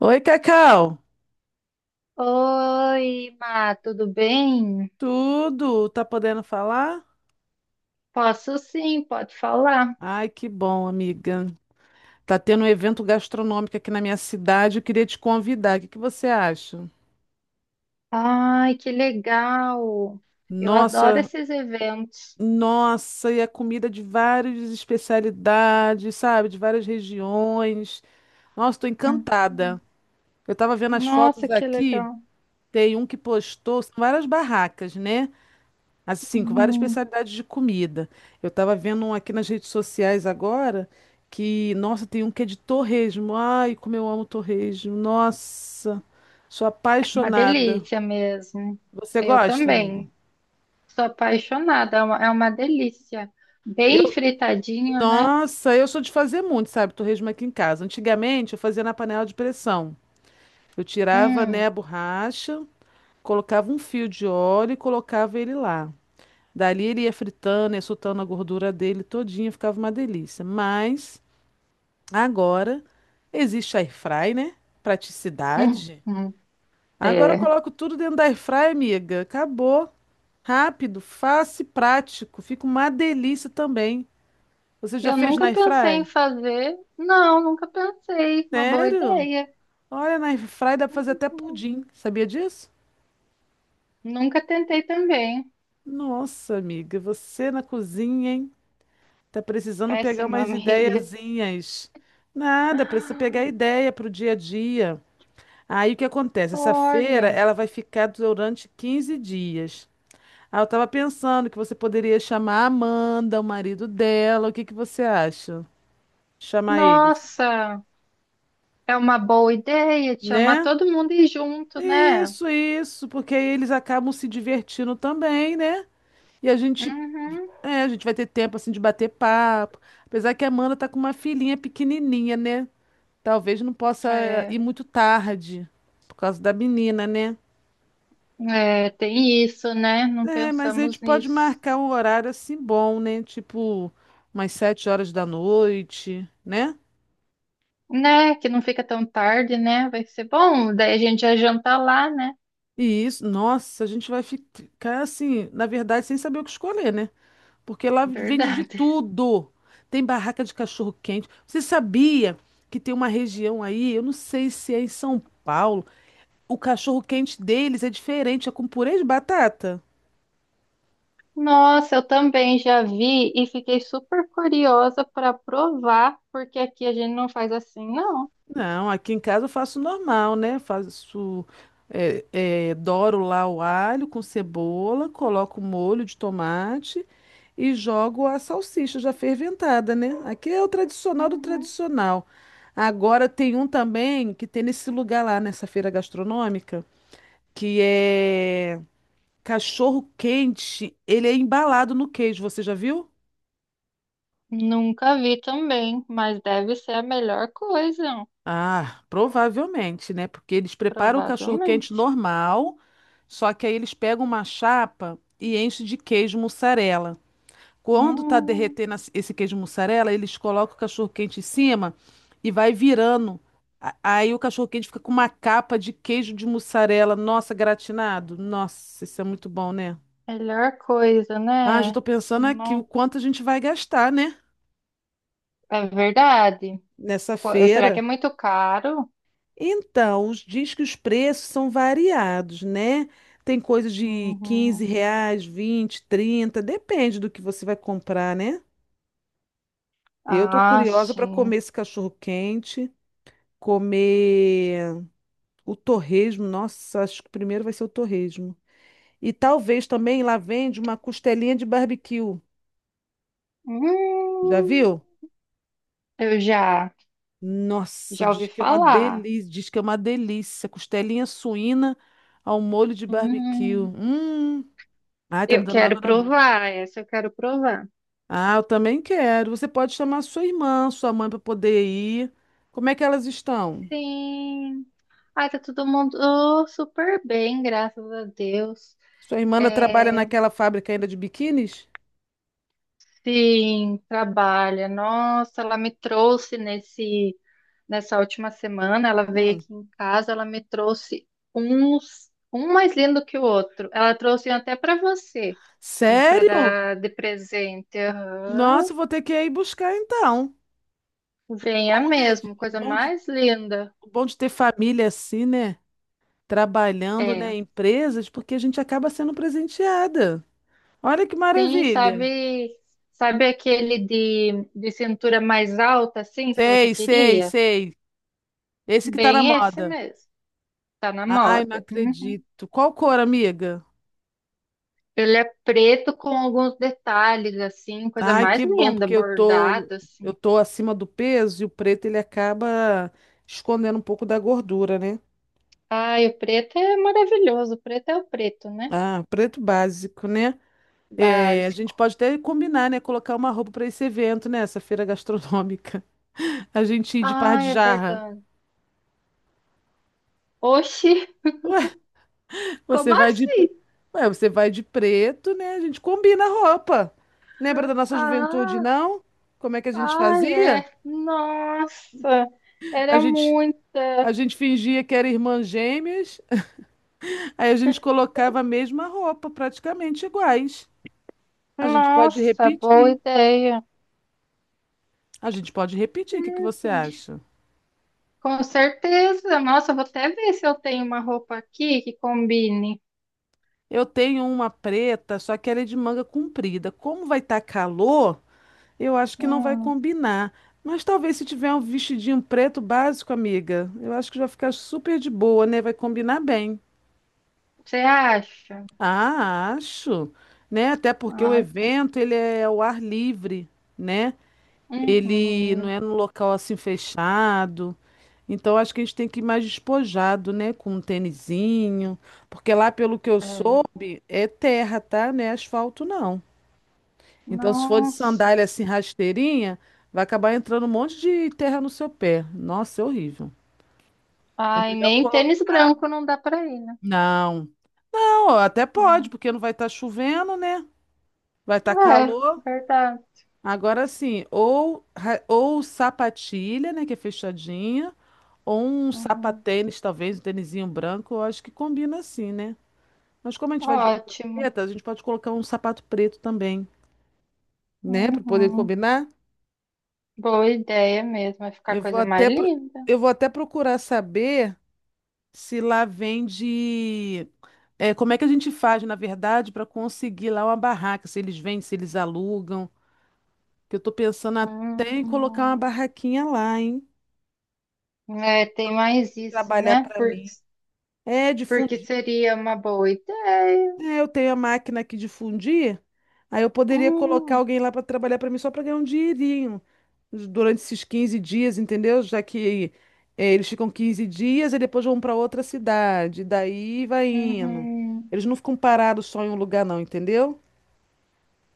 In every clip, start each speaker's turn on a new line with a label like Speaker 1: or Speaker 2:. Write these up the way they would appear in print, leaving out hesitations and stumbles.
Speaker 1: Oi, Cacau.
Speaker 2: Oi, Má, tudo bem?
Speaker 1: Tudo? Tá podendo falar?
Speaker 2: Posso sim, pode falar.
Speaker 1: Ai, que bom, amiga. Tá tendo um evento gastronômico aqui na minha cidade. Eu queria te convidar. O que que você acha?
Speaker 2: Ai, que legal! Eu adoro
Speaker 1: Nossa,
Speaker 2: esses eventos.
Speaker 1: nossa, e a comida de várias especialidades, sabe? De várias regiões. Nossa, tô
Speaker 2: Hum.
Speaker 1: encantada. Eu tava vendo as fotos
Speaker 2: Nossa, que
Speaker 1: aqui.
Speaker 2: legal!
Speaker 1: Tem um que postou, são várias barracas, né? Assim, com várias
Speaker 2: Uhum.
Speaker 1: especialidades de comida. Eu tava vendo um aqui nas redes sociais agora que, nossa, tem um que é de torresmo. Ai, como eu amo torresmo. Nossa, sou
Speaker 2: É uma
Speaker 1: apaixonada.
Speaker 2: delícia mesmo.
Speaker 1: Você
Speaker 2: Eu
Speaker 1: gosta, amigo?
Speaker 2: também. Sou apaixonada, é uma delícia. Bem
Speaker 1: Eu,
Speaker 2: fritadinho, né?
Speaker 1: nossa, eu sou de fazer muito, sabe, torresmo aqui em casa. Antigamente eu fazia na panela de pressão. Eu tirava, né, a
Speaker 2: Hum,
Speaker 1: borracha, colocava um fio de óleo e colocava ele lá. Dali ele ia fritando, ia soltando a gordura dele todinha, ficava uma delícia. Mas agora existe air fry, né?
Speaker 2: hum,
Speaker 1: Praticidade.
Speaker 2: hum.
Speaker 1: Agora eu
Speaker 2: É.
Speaker 1: coloco tudo dentro da air fry, amiga. Acabou. Rápido, fácil e prático. Fica uma delícia também. Você já
Speaker 2: Eu
Speaker 1: fez na
Speaker 2: nunca
Speaker 1: air
Speaker 2: pensei em
Speaker 1: fry?
Speaker 2: fazer. Não, nunca pensei. Uma boa
Speaker 1: Sério?
Speaker 2: ideia.
Speaker 1: Olha, na air fry dá pra fazer até
Speaker 2: Hum.
Speaker 1: pudim. Sabia disso?
Speaker 2: Nunca tentei também.
Speaker 1: Nossa, amiga, você na cozinha, hein? Tá precisando pegar
Speaker 2: Péssima
Speaker 1: umas
Speaker 2: amiga.
Speaker 1: ideiazinhas. Nada, precisa pegar ideia pro dia a dia. Aí o que acontece? Essa feira
Speaker 2: Olha,
Speaker 1: ela vai ficar durante 15 dias. Aí eu tava pensando que você poderia chamar a Amanda, o marido dela. O que que você acha? Chamar eles,
Speaker 2: nossa, é uma boa ideia te chamar
Speaker 1: né?
Speaker 2: todo mundo e ir junto, né?
Speaker 1: Isso, porque aí eles acabam se divertindo também, né? E a gente,
Speaker 2: Uhum,
Speaker 1: é, a gente vai ter tempo assim de bater papo. Apesar que a Amanda tá com uma filhinha pequenininha, né? Talvez não possa
Speaker 2: é,
Speaker 1: ir muito tarde por causa da menina, né?
Speaker 2: tem isso, né? Não
Speaker 1: É, mas a gente
Speaker 2: pensamos
Speaker 1: pode
Speaker 2: nisso,
Speaker 1: marcar um horário assim bom, né? Tipo, umas 7 horas da noite, né?
Speaker 2: né? Que não fica tão tarde, né? Vai ser bom, daí a gente já janta lá, né?
Speaker 1: E isso, nossa, a gente vai ficar assim, na verdade, sem saber o que escolher, né? Porque lá vende de
Speaker 2: Verdade.
Speaker 1: tudo. Tem barraca de cachorro-quente. Você sabia que tem uma região aí, eu não sei se é em São Paulo, o cachorro-quente deles é diferente, é com purê de batata?
Speaker 2: Nossa, eu também já vi e fiquei super curiosa para provar, porque aqui a gente não faz assim, não.
Speaker 1: Não, aqui em casa eu faço normal, né? Faço, doro lá o alho com cebola, coloco o molho de tomate e jogo a salsicha já ferventada, né? Aqui é o tradicional do
Speaker 2: Uhum.
Speaker 1: tradicional. Agora tem um também que tem nesse lugar lá, nessa feira gastronômica, que é cachorro quente. Ele é embalado no queijo, você já viu?
Speaker 2: Nunca vi também, mas deve ser a melhor coisa,
Speaker 1: Ah, provavelmente, né? Porque eles preparam o cachorro-quente
Speaker 2: provavelmente.
Speaker 1: normal, só que aí eles pegam uma chapa e enchem de queijo mussarela. Quando tá
Speaker 2: Hum,
Speaker 1: derretendo esse queijo mussarela, eles colocam o cachorro-quente em cima e vai virando. Aí o cachorro-quente fica com uma capa de queijo de mussarela, nossa, gratinado. Nossa, isso é muito bom, né?
Speaker 2: melhor coisa,
Speaker 1: Ah, já
Speaker 2: né?
Speaker 1: tô pensando aqui o
Speaker 2: Não,
Speaker 1: quanto a gente vai gastar, né?
Speaker 2: é verdade.
Speaker 1: Nessa
Speaker 2: Será que é
Speaker 1: feira.
Speaker 2: muito caro?
Speaker 1: Então, diz que os preços são variados, né? Tem coisa de 15
Speaker 2: Uhum.
Speaker 1: reais, 20, 30, depende do que você vai comprar, né? Eu tô
Speaker 2: Ah,
Speaker 1: curiosa para
Speaker 2: sim.
Speaker 1: comer esse cachorro-quente, comer o torresmo. Nossa, acho que primeiro vai ser o torresmo. E talvez também lá vende uma costelinha de barbecue. Já
Speaker 2: Hum,
Speaker 1: viu?
Speaker 2: eu já,
Speaker 1: Nossa,
Speaker 2: já
Speaker 1: diz
Speaker 2: ouvi
Speaker 1: que é uma
Speaker 2: falar.
Speaker 1: delícia, diz que é uma delícia. Costelinha suína ao molho de barbecue.
Speaker 2: Hum,
Speaker 1: Hum. Ai, tá me
Speaker 2: eu
Speaker 1: dando
Speaker 2: quero
Speaker 1: água na boca.
Speaker 2: provar, essa eu quero provar.
Speaker 1: Ah, eu também quero. Você pode chamar sua irmã, sua mãe para poder ir. Como é que elas estão?
Speaker 2: Sim. Ai, tá todo mundo oh, super bem, graças a Deus.
Speaker 1: Sua irmã ainda trabalha
Speaker 2: É,
Speaker 1: naquela fábrica ainda de biquínis?
Speaker 2: sim, trabalha. Nossa, ela me trouxe nesse nessa última semana, ela veio
Speaker 1: Hum.
Speaker 2: aqui em casa, ela me trouxe uns um mais lindo que o outro. Ela trouxe até para você, para
Speaker 1: Sério?
Speaker 2: dar de presente.
Speaker 1: Nossa,
Speaker 2: Aham.
Speaker 1: eu vou ter que ir buscar então.
Speaker 2: Venha
Speaker 1: Bom, né?
Speaker 2: mesmo, coisa mais linda.
Speaker 1: O bom de ter família assim, né? Trabalhando, né?
Speaker 2: É.
Speaker 1: Em empresas, porque a gente acaba sendo presenteada. Olha que
Speaker 2: Sim,
Speaker 1: maravilha.
Speaker 2: sabe, sabe aquele de cintura mais alta assim que você
Speaker 1: Sei, sei,
Speaker 2: queria?
Speaker 1: sei. Esse que tá na
Speaker 2: Bem esse
Speaker 1: moda.
Speaker 2: mesmo. Tá na
Speaker 1: Ai, não
Speaker 2: moda. Hum.
Speaker 1: acredito. Qual cor, amiga?
Speaker 2: Ele é preto com alguns detalhes, assim, coisa
Speaker 1: Ai,
Speaker 2: mais
Speaker 1: que bom,
Speaker 2: linda,
Speaker 1: porque
Speaker 2: bordado, assim.
Speaker 1: eu tô acima do peso e o preto ele acaba escondendo um pouco da gordura, né?
Speaker 2: Ai, o preto é maravilhoso. O preto é o preto, né?
Speaker 1: Ah, preto básico, né? É, a gente
Speaker 2: Básico.
Speaker 1: pode até combinar, né? Colocar uma roupa para esse evento, né? Essa feira gastronômica. A gente ir de par de
Speaker 2: Ai, é
Speaker 1: jarra.
Speaker 2: verdade. Oxi,
Speaker 1: Ué,
Speaker 2: como
Speaker 1: você vai de,
Speaker 2: assim?
Speaker 1: pre- ué, você vai de preto, né? A gente combina a roupa. Lembra da nossa juventude,
Speaker 2: Ah,
Speaker 1: não? Como é que a gente
Speaker 2: ai,
Speaker 1: fazia?
Speaker 2: é. Nossa,
Speaker 1: A
Speaker 2: era
Speaker 1: gente,
Speaker 2: muito.
Speaker 1: a gente fingia que era irmã gêmeas. Aí a gente colocava a mesma roupa, praticamente iguais. A gente pode
Speaker 2: Nossa, boa
Speaker 1: repetir.
Speaker 2: ideia.
Speaker 1: A gente pode repetir. O que que você acha?
Speaker 2: Com certeza. Nossa, vou até ver se eu tenho uma roupa aqui que combine.
Speaker 1: Eu tenho uma preta, só que ela é de manga comprida. Como vai estar calor, eu acho que não vai
Speaker 2: Hum,
Speaker 1: combinar. Mas talvez se tiver um vestidinho preto básico, amiga, eu acho que vai ficar super de boa, né? Vai combinar bem.
Speaker 2: você acha?
Speaker 1: Ah, acho, né? Até porque o
Speaker 2: Ah, tá.
Speaker 1: evento ele é ao ar livre, né? Ele não
Speaker 2: Uhum.
Speaker 1: é num local assim fechado. Então acho que a gente tem que ir mais despojado, né? Com um tênisinho. Porque lá, pelo que eu
Speaker 2: É.
Speaker 1: soube, é terra, tá? Não é asfalto, não. Então, se for de
Speaker 2: Nossa.
Speaker 1: sandália assim rasteirinha, vai acabar entrando um monte de terra no seu pé. Nossa, é horrível. É
Speaker 2: Ai,
Speaker 1: melhor
Speaker 2: nem tênis
Speaker 1: colocar.
Speaker 2: branco não dá pra ir, né?
Speaker 1: Não. Não, até pode,
Speaker 2: Hum.
Speaker 1: porque não vai estar chovendo, né? Vai estar
Speaker 2: É,
Speaker 1: calor.
Speaker 2: verdade.
Speaker 1: Agora sim, ou sapatilha, né? Que é fechadinha. Ou um
Speaker 2: Uhum.
Speaker 1: sapatênis, talvez, um tênisinho branco, eu acho que combina assim, né? Mas como a gente vai de roupa
Speaker 2: Ótimo.
Speaker 1: preta, a gente pode colocar um sapato preto também, né? Para poder
Speaker 2: Uhum.
Speaker 1: combinar.
Speaker 2: Boa ideia mesmo. Vai ficar a
Speaker 1: Eu vou
Speaker 2: coisa mais
Speaker 1: até, pro-
Speaker 2: linda.
Speaker 1: eu vou até procurar saber se lá vende. É, como é que a gente faz, na verdade, para conseguir lá uma barraca? Se eles vendem, se eles alugam. Que eu tô pensando até em colocar uma
Speaker 2: Hum.
Speaker 1: barraquinha lá, hein?
Speaker 2: É, tem mais isso,
Speaker 1: Trabalhar
Speaker 2: né?
Speaker 1: para
Speaker 2: Porque,
Speaker 1: mim. É,
Speaker 2: porque
Speaker 1: difundir.
Speaker 2: seria uma boa ideia.
Speaker 1: É, eu tenho a máquina aqui de fundir, aí eu poderia colocar
Speaker 2: Hum.
Speaker 1: alguém lá para trabalhar para mim só para ganhar um dinheirinho durante esses 15 dias, entendeu? Já que eles ficam 15 dias e depois vão para outra cidade, daí vai indo.
Speaker 2: Uhum.
Speaker 1: Eles não ficam parados só em um lugar, não, entendeu?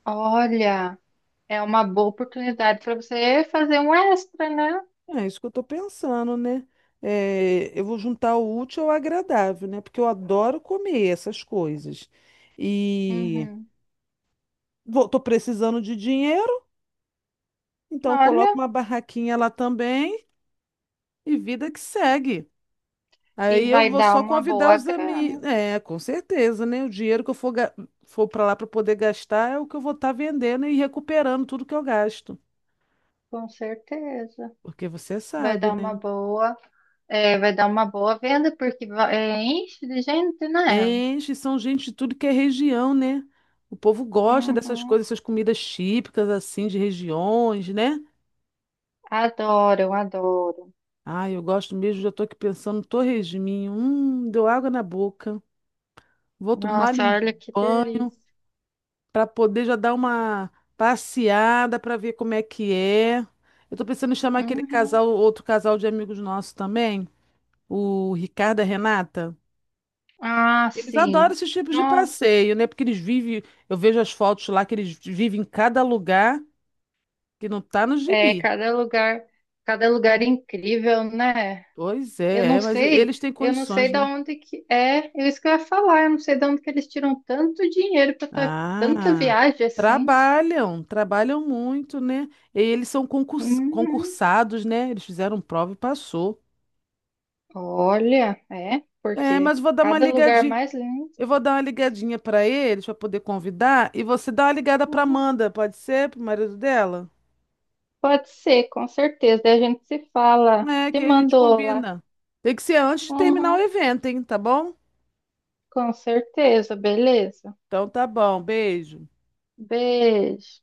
Speaker 2: Olha, é uma boa oportunidade para você fazer um extra, né?
Speaker 1: É isso que eu tô pensando, né? Eu vou juntar o útil ao agradável, né? Porque eu adoro comer essas coisas. E
Speaker 2: Uhum.
Speaker 1: vou, tô precisando de dinheiro, então eu coloco
Speaker 2: Olha,
Speaker 1: uma barraquinha lá também. E vida que segue. Aí
Speaker 2: e
Speaker 1: eu
Speaker 2: vai
Speaker 1: vou
Speaker 2: dar
Speaker 1: só
Speaker 2: uma
Speaker 1: convidar
Speaker 2: boa
Speaker 1: os
Speaker 2: grana.
Speaker 1: amigos. É, com certeza, né? O dinheiro que eu for, ga- for para lá para poder gastar é o que eu vou estar vendendo e recuperando tudo que eu gasto.
Speaker 2: Com certeza.
Speaker 1: Porque você
Speaker 2: Vai
Speaker 1: sabe,
Speaker 2: dar uma
Speaker 1: né?
Speaker 2: boa, vai dar uma boa venda, porque é, enche de gente, né?
Speaker 1: Enche, são gente de tudo que é região, né? O povo gosta dessas
Speaker 2: Uhum.
Speaker 1: coisas, essas comidas típicas, assim, de regiões, né?
Speaker 2: Adoro, adoro.
Speaker 1: Ah, eu gosto mesmo, já tô aqui pensando no torresminho. Deu água na boca. Vou tomar
Speaker 2: Nossa,
Speaker 1: um
Speaker 2: olha que
Speaker 1: banho,
Speaker 2: delícia.
Speaker 1: para poder já dar uma passeada para ver como é que é. Eu tô pensando em chamar aquele
Speaker 2: Uhum.
Speaker 1: casal, outro casal de amigos nossos também, o Ricardo e a Renata.
Speaker 2: Ah,
Speaker 1: Eles adoram
Speaker 2: sim.
Speaker 1: esses tipos de
Speaker 2: Nossa,
Speaker 1: passeio, né? Porque eles vivem, eu vejo as fotos lá que eles vivem em cada lugar que não tá no
Speaker 2: é
Speaker 1: gibi.
Speaker 2: cada lugar incrível, né?
Speaker 1: Pois
Speaker 2: Eu
Speaker 1: é,
Speaker 2: não
Speaker 1: é, mas
Speaker 2: sei,
Speaker 1: eles têm
Speaker 2: eu não sei
Speaker 1: condições,
Speaker 2: da
Speaker 1: né?
Speaker 2: onde que é, é isso que eu ia falar, eu não sei de onde que eles tiram tanto dinheiro para tanta
Speaker 1: Ah,
Speaker 2: viagem assim.
Speaker 1: trabalham, trabalham muito, né? E eles são
Speaker 2: Uhum.
Speaker 1: concursados, né? Eles fizeram prova e passou.
Speaker 2: Olha, é,
Speaker 1: É,
Speaker 2: porque
Speaker 1: mas vou dar uma
Speaker 2: cada lugar
Speaker 1: ligadinha.
Speaker 2: mais lindo
Speaker 1: Eu vou dar uma ligadinha pra eles pra poder convidar e você dá uma ligada pra
Speaker 2: uhum,
Speaker 1: Amanda, pode ser? Pro marido dela?
Speaker 2: pode ser, com certeza. Daí a gente se fala,
Speaker 1: É,
Speaker 2: te
Speaker 1: que a gente
Speaker 2: mandou lá.
Speaker 1: combina. Tem que ser antes de terminar o
Speaker 2: Uhum,
Speaker 1: evento, hein? Tá bom?
Speaker 2: com certeza, beleza.
Speaker 1: Então tá bom, beijo.
Speaker 2: Beijo.